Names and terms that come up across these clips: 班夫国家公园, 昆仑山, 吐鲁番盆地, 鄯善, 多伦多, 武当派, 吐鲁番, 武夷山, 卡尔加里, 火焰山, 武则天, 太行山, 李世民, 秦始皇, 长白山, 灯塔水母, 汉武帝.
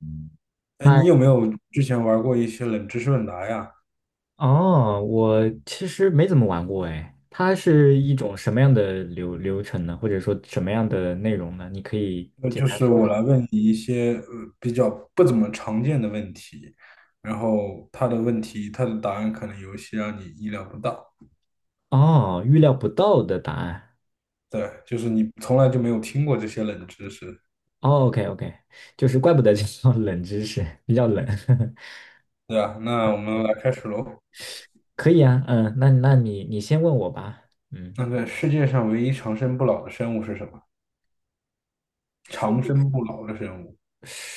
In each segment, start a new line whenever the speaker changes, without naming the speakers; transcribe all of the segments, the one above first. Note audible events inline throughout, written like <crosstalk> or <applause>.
嗯，
哎，
嗨，
你有没有之前玩过一些冷知识问答呀？
哦，我其实没怎么玩过哎，它是一种什么样的流程呢？或者说什么样的内容呢？你可以简
就
单
是
说
我来
说。
问你一些比较不怎么常见的问题，然后他的答案可能有一些让你意料不到。
哦，预料不到的答案。
对，就是你从来就没有听过这些冷知识，
哦，OK OK，就是怪不得叫冷知识，比较冷。<laughs>
对啊，那我们来开始喽。
可以啊，嗯，那你先问我吧。嗯，
那个世界上唯一长生不老的生物是什么？
世
长
界
生不老的生物，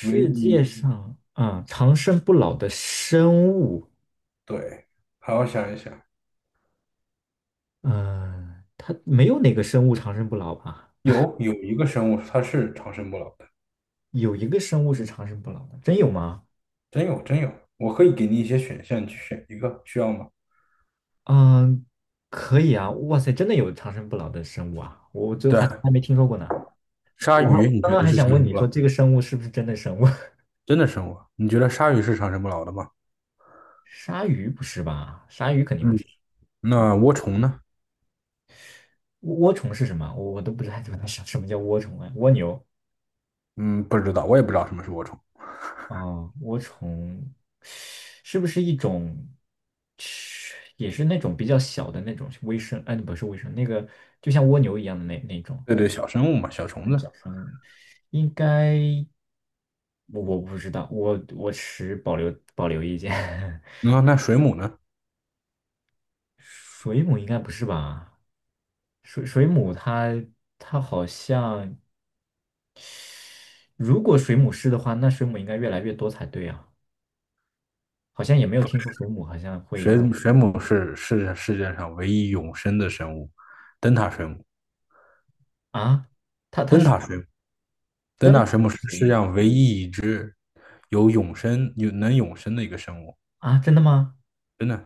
唯
界
一，
上啊，长生不老的生物，
对，好好想一想，
嗯，它没有哪个生物长生不老吧？
有一个生物它是长生不老的。
有一个生物是长生不老的，真有吗？
真有真有，我可以给你一些选项，你去选一个，需要吗？
嗯，可以啊，哇塞，真的有长生不老的生物啊，我就
对，
还从来没听说过呢。
鲨
我还
鱼你
刚
觉
刚
得
还
是
想
长
问
生
你
不老？
说这个生物是不是真的生物？<laughs>
真的生物？你觉得鲨鱼是长生不老的吗？
鲨鱼不是吧？鲨鱼肯定不
嗯，
是。嗯，
那涡虫呢？
涡虫是什么？我都不知道怎么想什么叫涡虫啊？蜗牛
嗯，不知道，我也不知道什么是涡虫。
啊？涡虫是不是一种，也是那种比较小的那种微生？哎，不是微生，那个就像蜗牛一样的那种，
对对，小生物嘛，小虫子。
应该。我不知道，我持保留意见。<laughs>
那水母呢？
水母应该不是吧？水母它好像，如果水母是的话，那水母应该越来越多才对啊。好像也没有听说水母好像会用
水母是世界上唯一永生的生物，灯塔水母。
啊，
灯塔水母，灯
灯
塔
塔
水母是
水
世界
母
上唯一一只有能永生的一个生物，
啊，真的吗？
真的。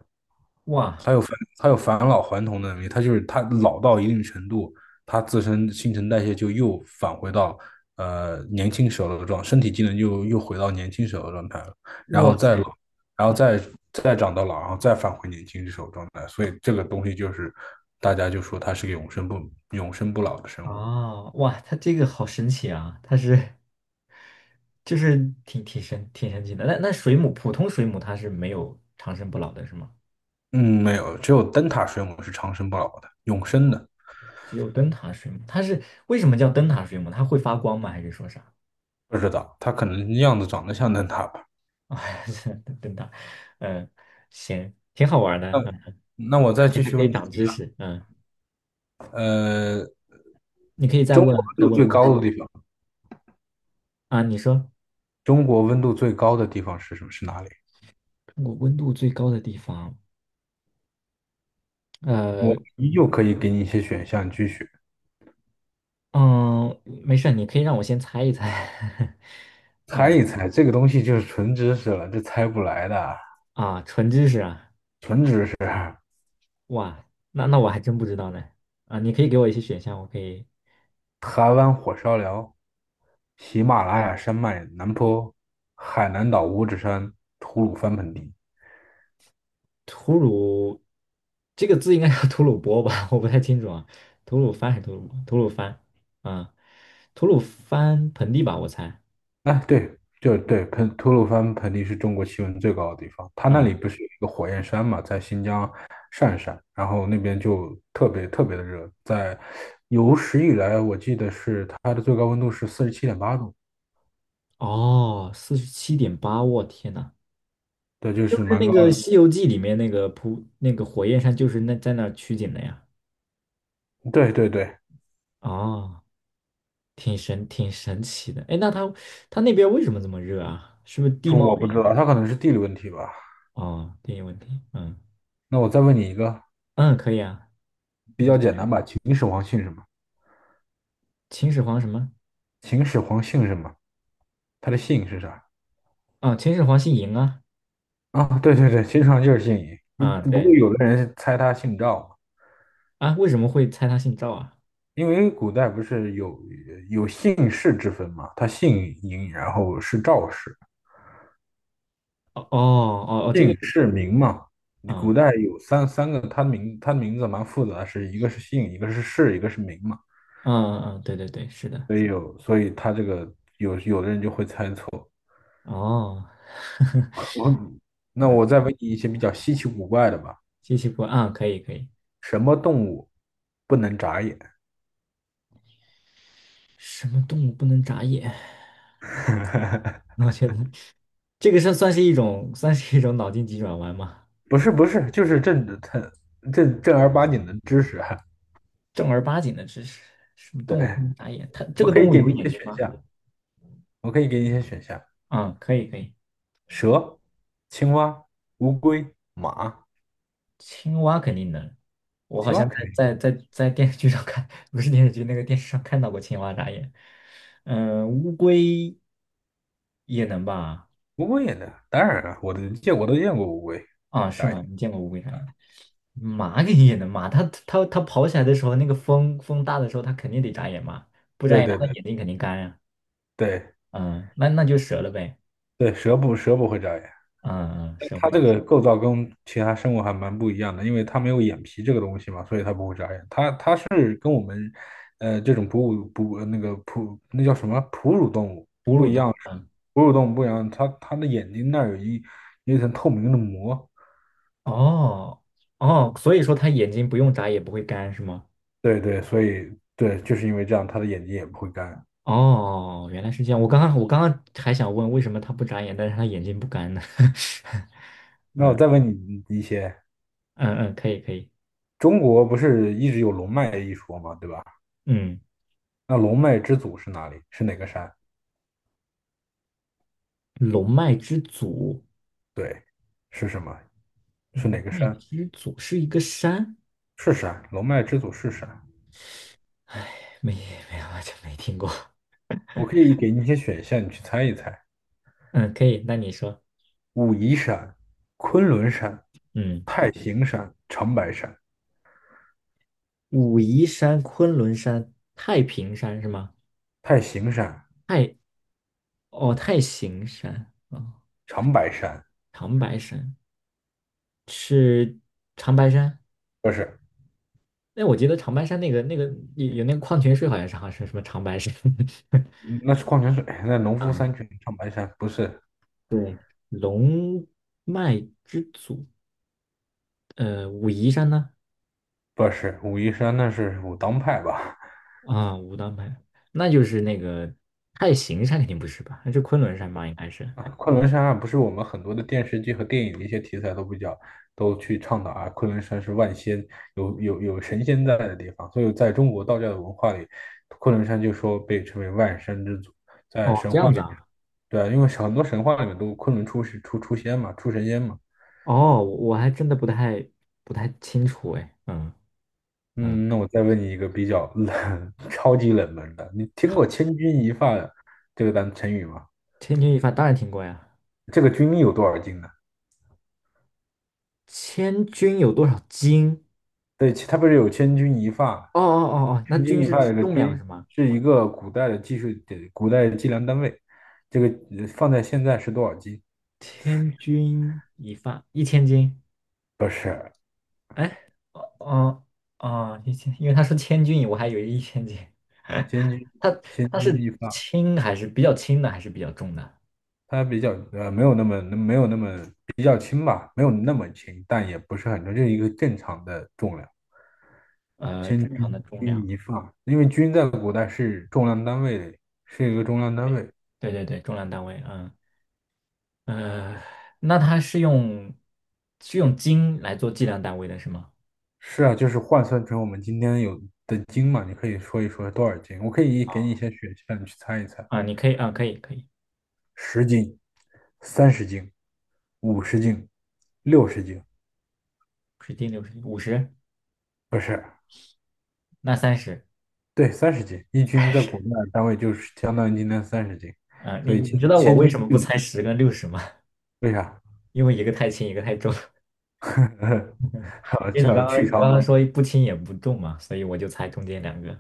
哇
他有返他有返老还童的能力，他就是他老到一定程度，他自身新陈代谢就又返回到年轻时候的状，身体机能又回到年轻时候的状态了，然后
哇
再老，
塞，
然后
嗯
再长到老，然后再返回年轻时候的状态，所以这个东西就是大家就说它是个永生不老的生物。
啊哇，它这个好神奇啊！它是就是挺神奇的。那水母普通水母它是没有长生不老的是吗？
嗯，没有，只有灯塔水母是长生不老的，永生的。
只有灯塔水母，它是为什么叫灯塔水母？它会发光吗？还是说啥？
不知道，它可能样子长得像灯塔吧。
<laughs> 啊，灯塔，嗯，行，挺好玩的，
那
嗯，
那我再继
还
续
可
问
以
你
长
几个，
知识，嗯，
呃，
你可以
中国
再
温度
问
最
问
高的地方，
啊，你说
中国温度最高的地方是什么？是哪里？
中国温度最高的地方，呃，
我依旧可以给你一些选项，你去选，
嗯，没事儿你可以让我先猜一猜，<laughs>
猜
嗯
一猜。这个东西就是纯知识了，这猜不来的，
啊，纯知识啊，
纯知识。
哇，那我还真不知道呢，啊，你可以给我一些选项，我可以
台湾火烧寮、喜马拉雅山脉南坡、海南岛五指山、吐鲁番盆地。
吐鲁这个字应该叫吐鲁波吧？<laughs> 我不太清楚啊，吐鲁番还是吐鲁番啊？吐鲁番盆地吧，我猜
哎，对，就对，吐鲁番盆地是中国气温最高的地方，它那里
啊。
不是有一个火焰山嘛，在新疆鄯善，然后那边就特别特别的热，在有史以来，我记得是它的最高温度是47.8度，
哦，47.8，我天呐，
对，就
是不
是
是
蛮
那
高
个
的。
《西游记》里面那个扑那个火焰山就是那在那儿取景的呀？
对对对，
哦，挺神奇的。哎，那它那边为什么这么热啊？是不是地
说
貌
我不
原因？
知道，它可能是地理问题吧。
哦，地理问题。嗯
那我再问你一个
嗯，可以啊。
比较简单吧，秦始皇姓什么？
秦始皇什么？
秦始皇姓什么？他的姓是啥？
啊，秦始皇姓嬴啊。
啊，对对对，秦始皇就是姓嬴，
啊，
不过
对。
有的人猜他姓赵，
啊，为什么会猜他姓赵啊？
因为古代不是有姓氏之分嘛，他姓嬴，然后是赵氏，
哦哦哦哦，这个
姓
意思啊，
氏名嘛。古
嗯
代有三个，他名字蛮复杂的是一个是姓，一个是氏，一个是名嘛。
嗯嗯，对对对，是的，
所以他这个有的人就会猜错。
哦，<laughs>
我那
嗯，
我再问你一些比较稀奇古怪的吧，
机器过啊，可以可以，
什么动物不能眨眼？
什么动物不能眨眼？<laughs> 我觉得这个是算是一种脑筋急转弯吗？
不是不是，就是正正儿八经的知识哈。
正儿八经的知识，什么动物不
对，
能眨眼？它这
我
个
可
动
以
物
给
有
你
眼
一些
睛
选
吗？
项，我可以给你一些选项。
啊、可以可以，
蛇、青蛙、乌龟、马，
青蛙肯定能，我好
青蛙
像
肯
在
定，
在在在电视剧上看，<laughs> 不是电视剧，那个电视上看到过青蛙眨眼。嗯，乌龟也能吧？
乌龟也能，当然了，我都见过乌龟
啊，是
眨眼。
吗？你见过乌龟眨眼？马肯定也能嘛，它跑起来的时候，那个风大的时候，它肯定得眨眼嘛，不眨
对
眼它
对
的
对
眼睛肯定干呀、
对
嗯，那就折了呗。
对，蛇不会眨眼，
嗯嗯，
但
蛇
它
会
这
的
个构造跟其他生物还蛮不一样的，因为它没有眼皮这个东西嘛，所以它不会眨眼。它是这种哺乳哺呃那个哺那叫什么哺乳动物
哺
不
乳
一
动
样，
物。嗯，
哺乳动物不一样，它的眼睛那儿有一层透明的膜，
哦哦，所以说它眼睛不用眨也不会干是吗？
对对，所以对，就是因为这样，它的眼睛也不会干。
哦，原来是这样。我刚刚还想问为什么他不眨眼，但是他眼睛不干呢？
那我再问你一些，
<laughs> 嗯嗯，可以可以。
中国不是一直有龙脉一说吗？对吧？
嗯，
那龙脉之祖是哪里？是哪个山？
龙脉之祖，
对，是什么？是哪
龙
个
脉
山？
之祖是一个山。
是山，龙脉之祖是山。
哎，没没有，完全没听过。
我可以给你一些选项，你去猜一猜：
嗯，可以，那你说。
武夷山、昆仑山、
嗯，
太行山、长白山。
武夷山、昆仑山、太平山是吗？
太行山、
太哦，太行山哦，
长白山
长白山是长白山。
不是，
哎，我记得长白山那个有那个矿泉水，好像是什么长白山。<laughs>
嗯那是矿泉水。<laughs> 那农夫
嗯，
山泉，长白山不是，
龙脉之祖，武夷山呢？
不是武夷山，那是武当派吧？
啊，武当派，那就是那个太行山肯定不是吧？那是昆仑山吧？应该是。
啊，昆仑山啊，不是我们很多的电视剧和电影的一些题材都比较都去倡导啊，昆仑山是有神仙在的地方，所以在中国道教的文化里，昆仑山就说被称为万山之祖，在
哦，
神
这
话
样
里
子
面，
啊。
对啊，因为很多神话里面都昆仑出仙嘛，出神仙嘛。
哦，我还真的不太清楚哎。嗯嗯，
嗯，那我再问你一个比较冷、<laughs> 超级冷门的，你听过"千钧一发"这个单成语吗？
千钧一发当然听过呀。
这个"钧"有多少斤呢？
千钧有多少斤？
对，其他不是有千钧一发？
哦哦哦哦，那
千钧
钧
一
是
发
指
这个
重量是
钧
吗？
是一个古代的技术的古代计量单位，这个放在现在是多少斤？
千钧一发，一千斤。
不是，
哎，哦哦哦，一千，因为他说千钧，我还以为一千斤。
千钧
<laughs> 他
千
他
钧
是
一发，
轻还是比较轻的，还是比较重的？
它比较没有那么比较轻吧，没有那么轻，但也不是很重，就是一个正常的重量。千
正常的重量。
钧一发，因为钧在古代是重量单位，是一个重量单位。
对对对，重量单位。嗯呃，那它是用斤来做计量单位的是吗？
是啊，就是换算成我们今天有的斤嘛，你可以说一说多少斤？我可以给你一些选项，你去猜一猜：
啊，你可以啊，可以可以，
十斤、三十斤、50斤、60斤，
10斤六十50，
不是，
那30。
对，三十斤。一斤在国内的单位就是相当于今天三十斤，
啊，你
所以
你知道我
千
为
斤
什么不
六
猜十跟六十吗？<laughs>
为啥？
因为一个太轻，一个太重。<laughs>
<laughs> 好，
因为你
这
刚刚
去
你刚
伤。
刚说不轻也不重嘛，所以我就猜中间两个。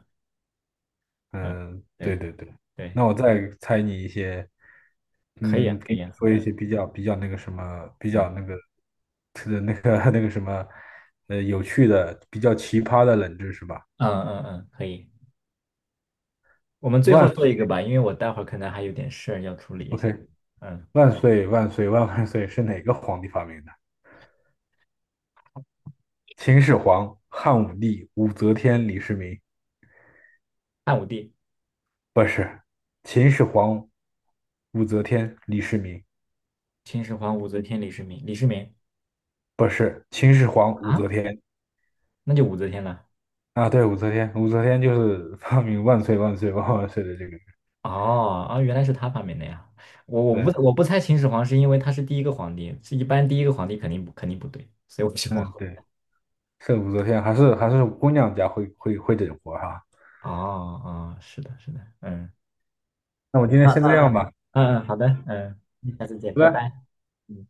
嗯，
嗯，对
对
对对。
对，
那我再猜你一些
可以啊，可
给
以
你
啊，
说一些比较那个什么，比
嗯
较那个，特的那个 <laughs> 那个什么，有趣的、比较奇葩的冷知识吧。
嗯嗯嗯，嗯可以。我们最后
万
做
岁
一个吧，因为我待会儿可能还有点事儿要处理一下。
，OK，
嗯，
万岁万岁万万岁是哪个皇帝发明的？秦始皇、汉武帝、武则天、李世民？
汉武帝、
不是，秦始皇、武则天、李世民？
秦始皇、武则天、李世民
不是，秦始皇、武则
啊，
天
那就武则天了。
啊，对，武则天，武则天就是发明万岁万岁万万岁的这个人，
哦啊，原来是他发明的呀！我我
对，
不我不猜秦始皇是因为他是第一个皇帝，是一般第一个皇帝肯定不对，所以我是往
嗯，
后。
对。是武则天，还是姑娘家会整活哈。
哦哦，是的，是的，嗯，
那
<laughs>
我
那
今天
那
先这样
嗯
吧，
嗯，好的，嗯，
嗯，
下次见，拜
拜
拜。
拜。
嗯。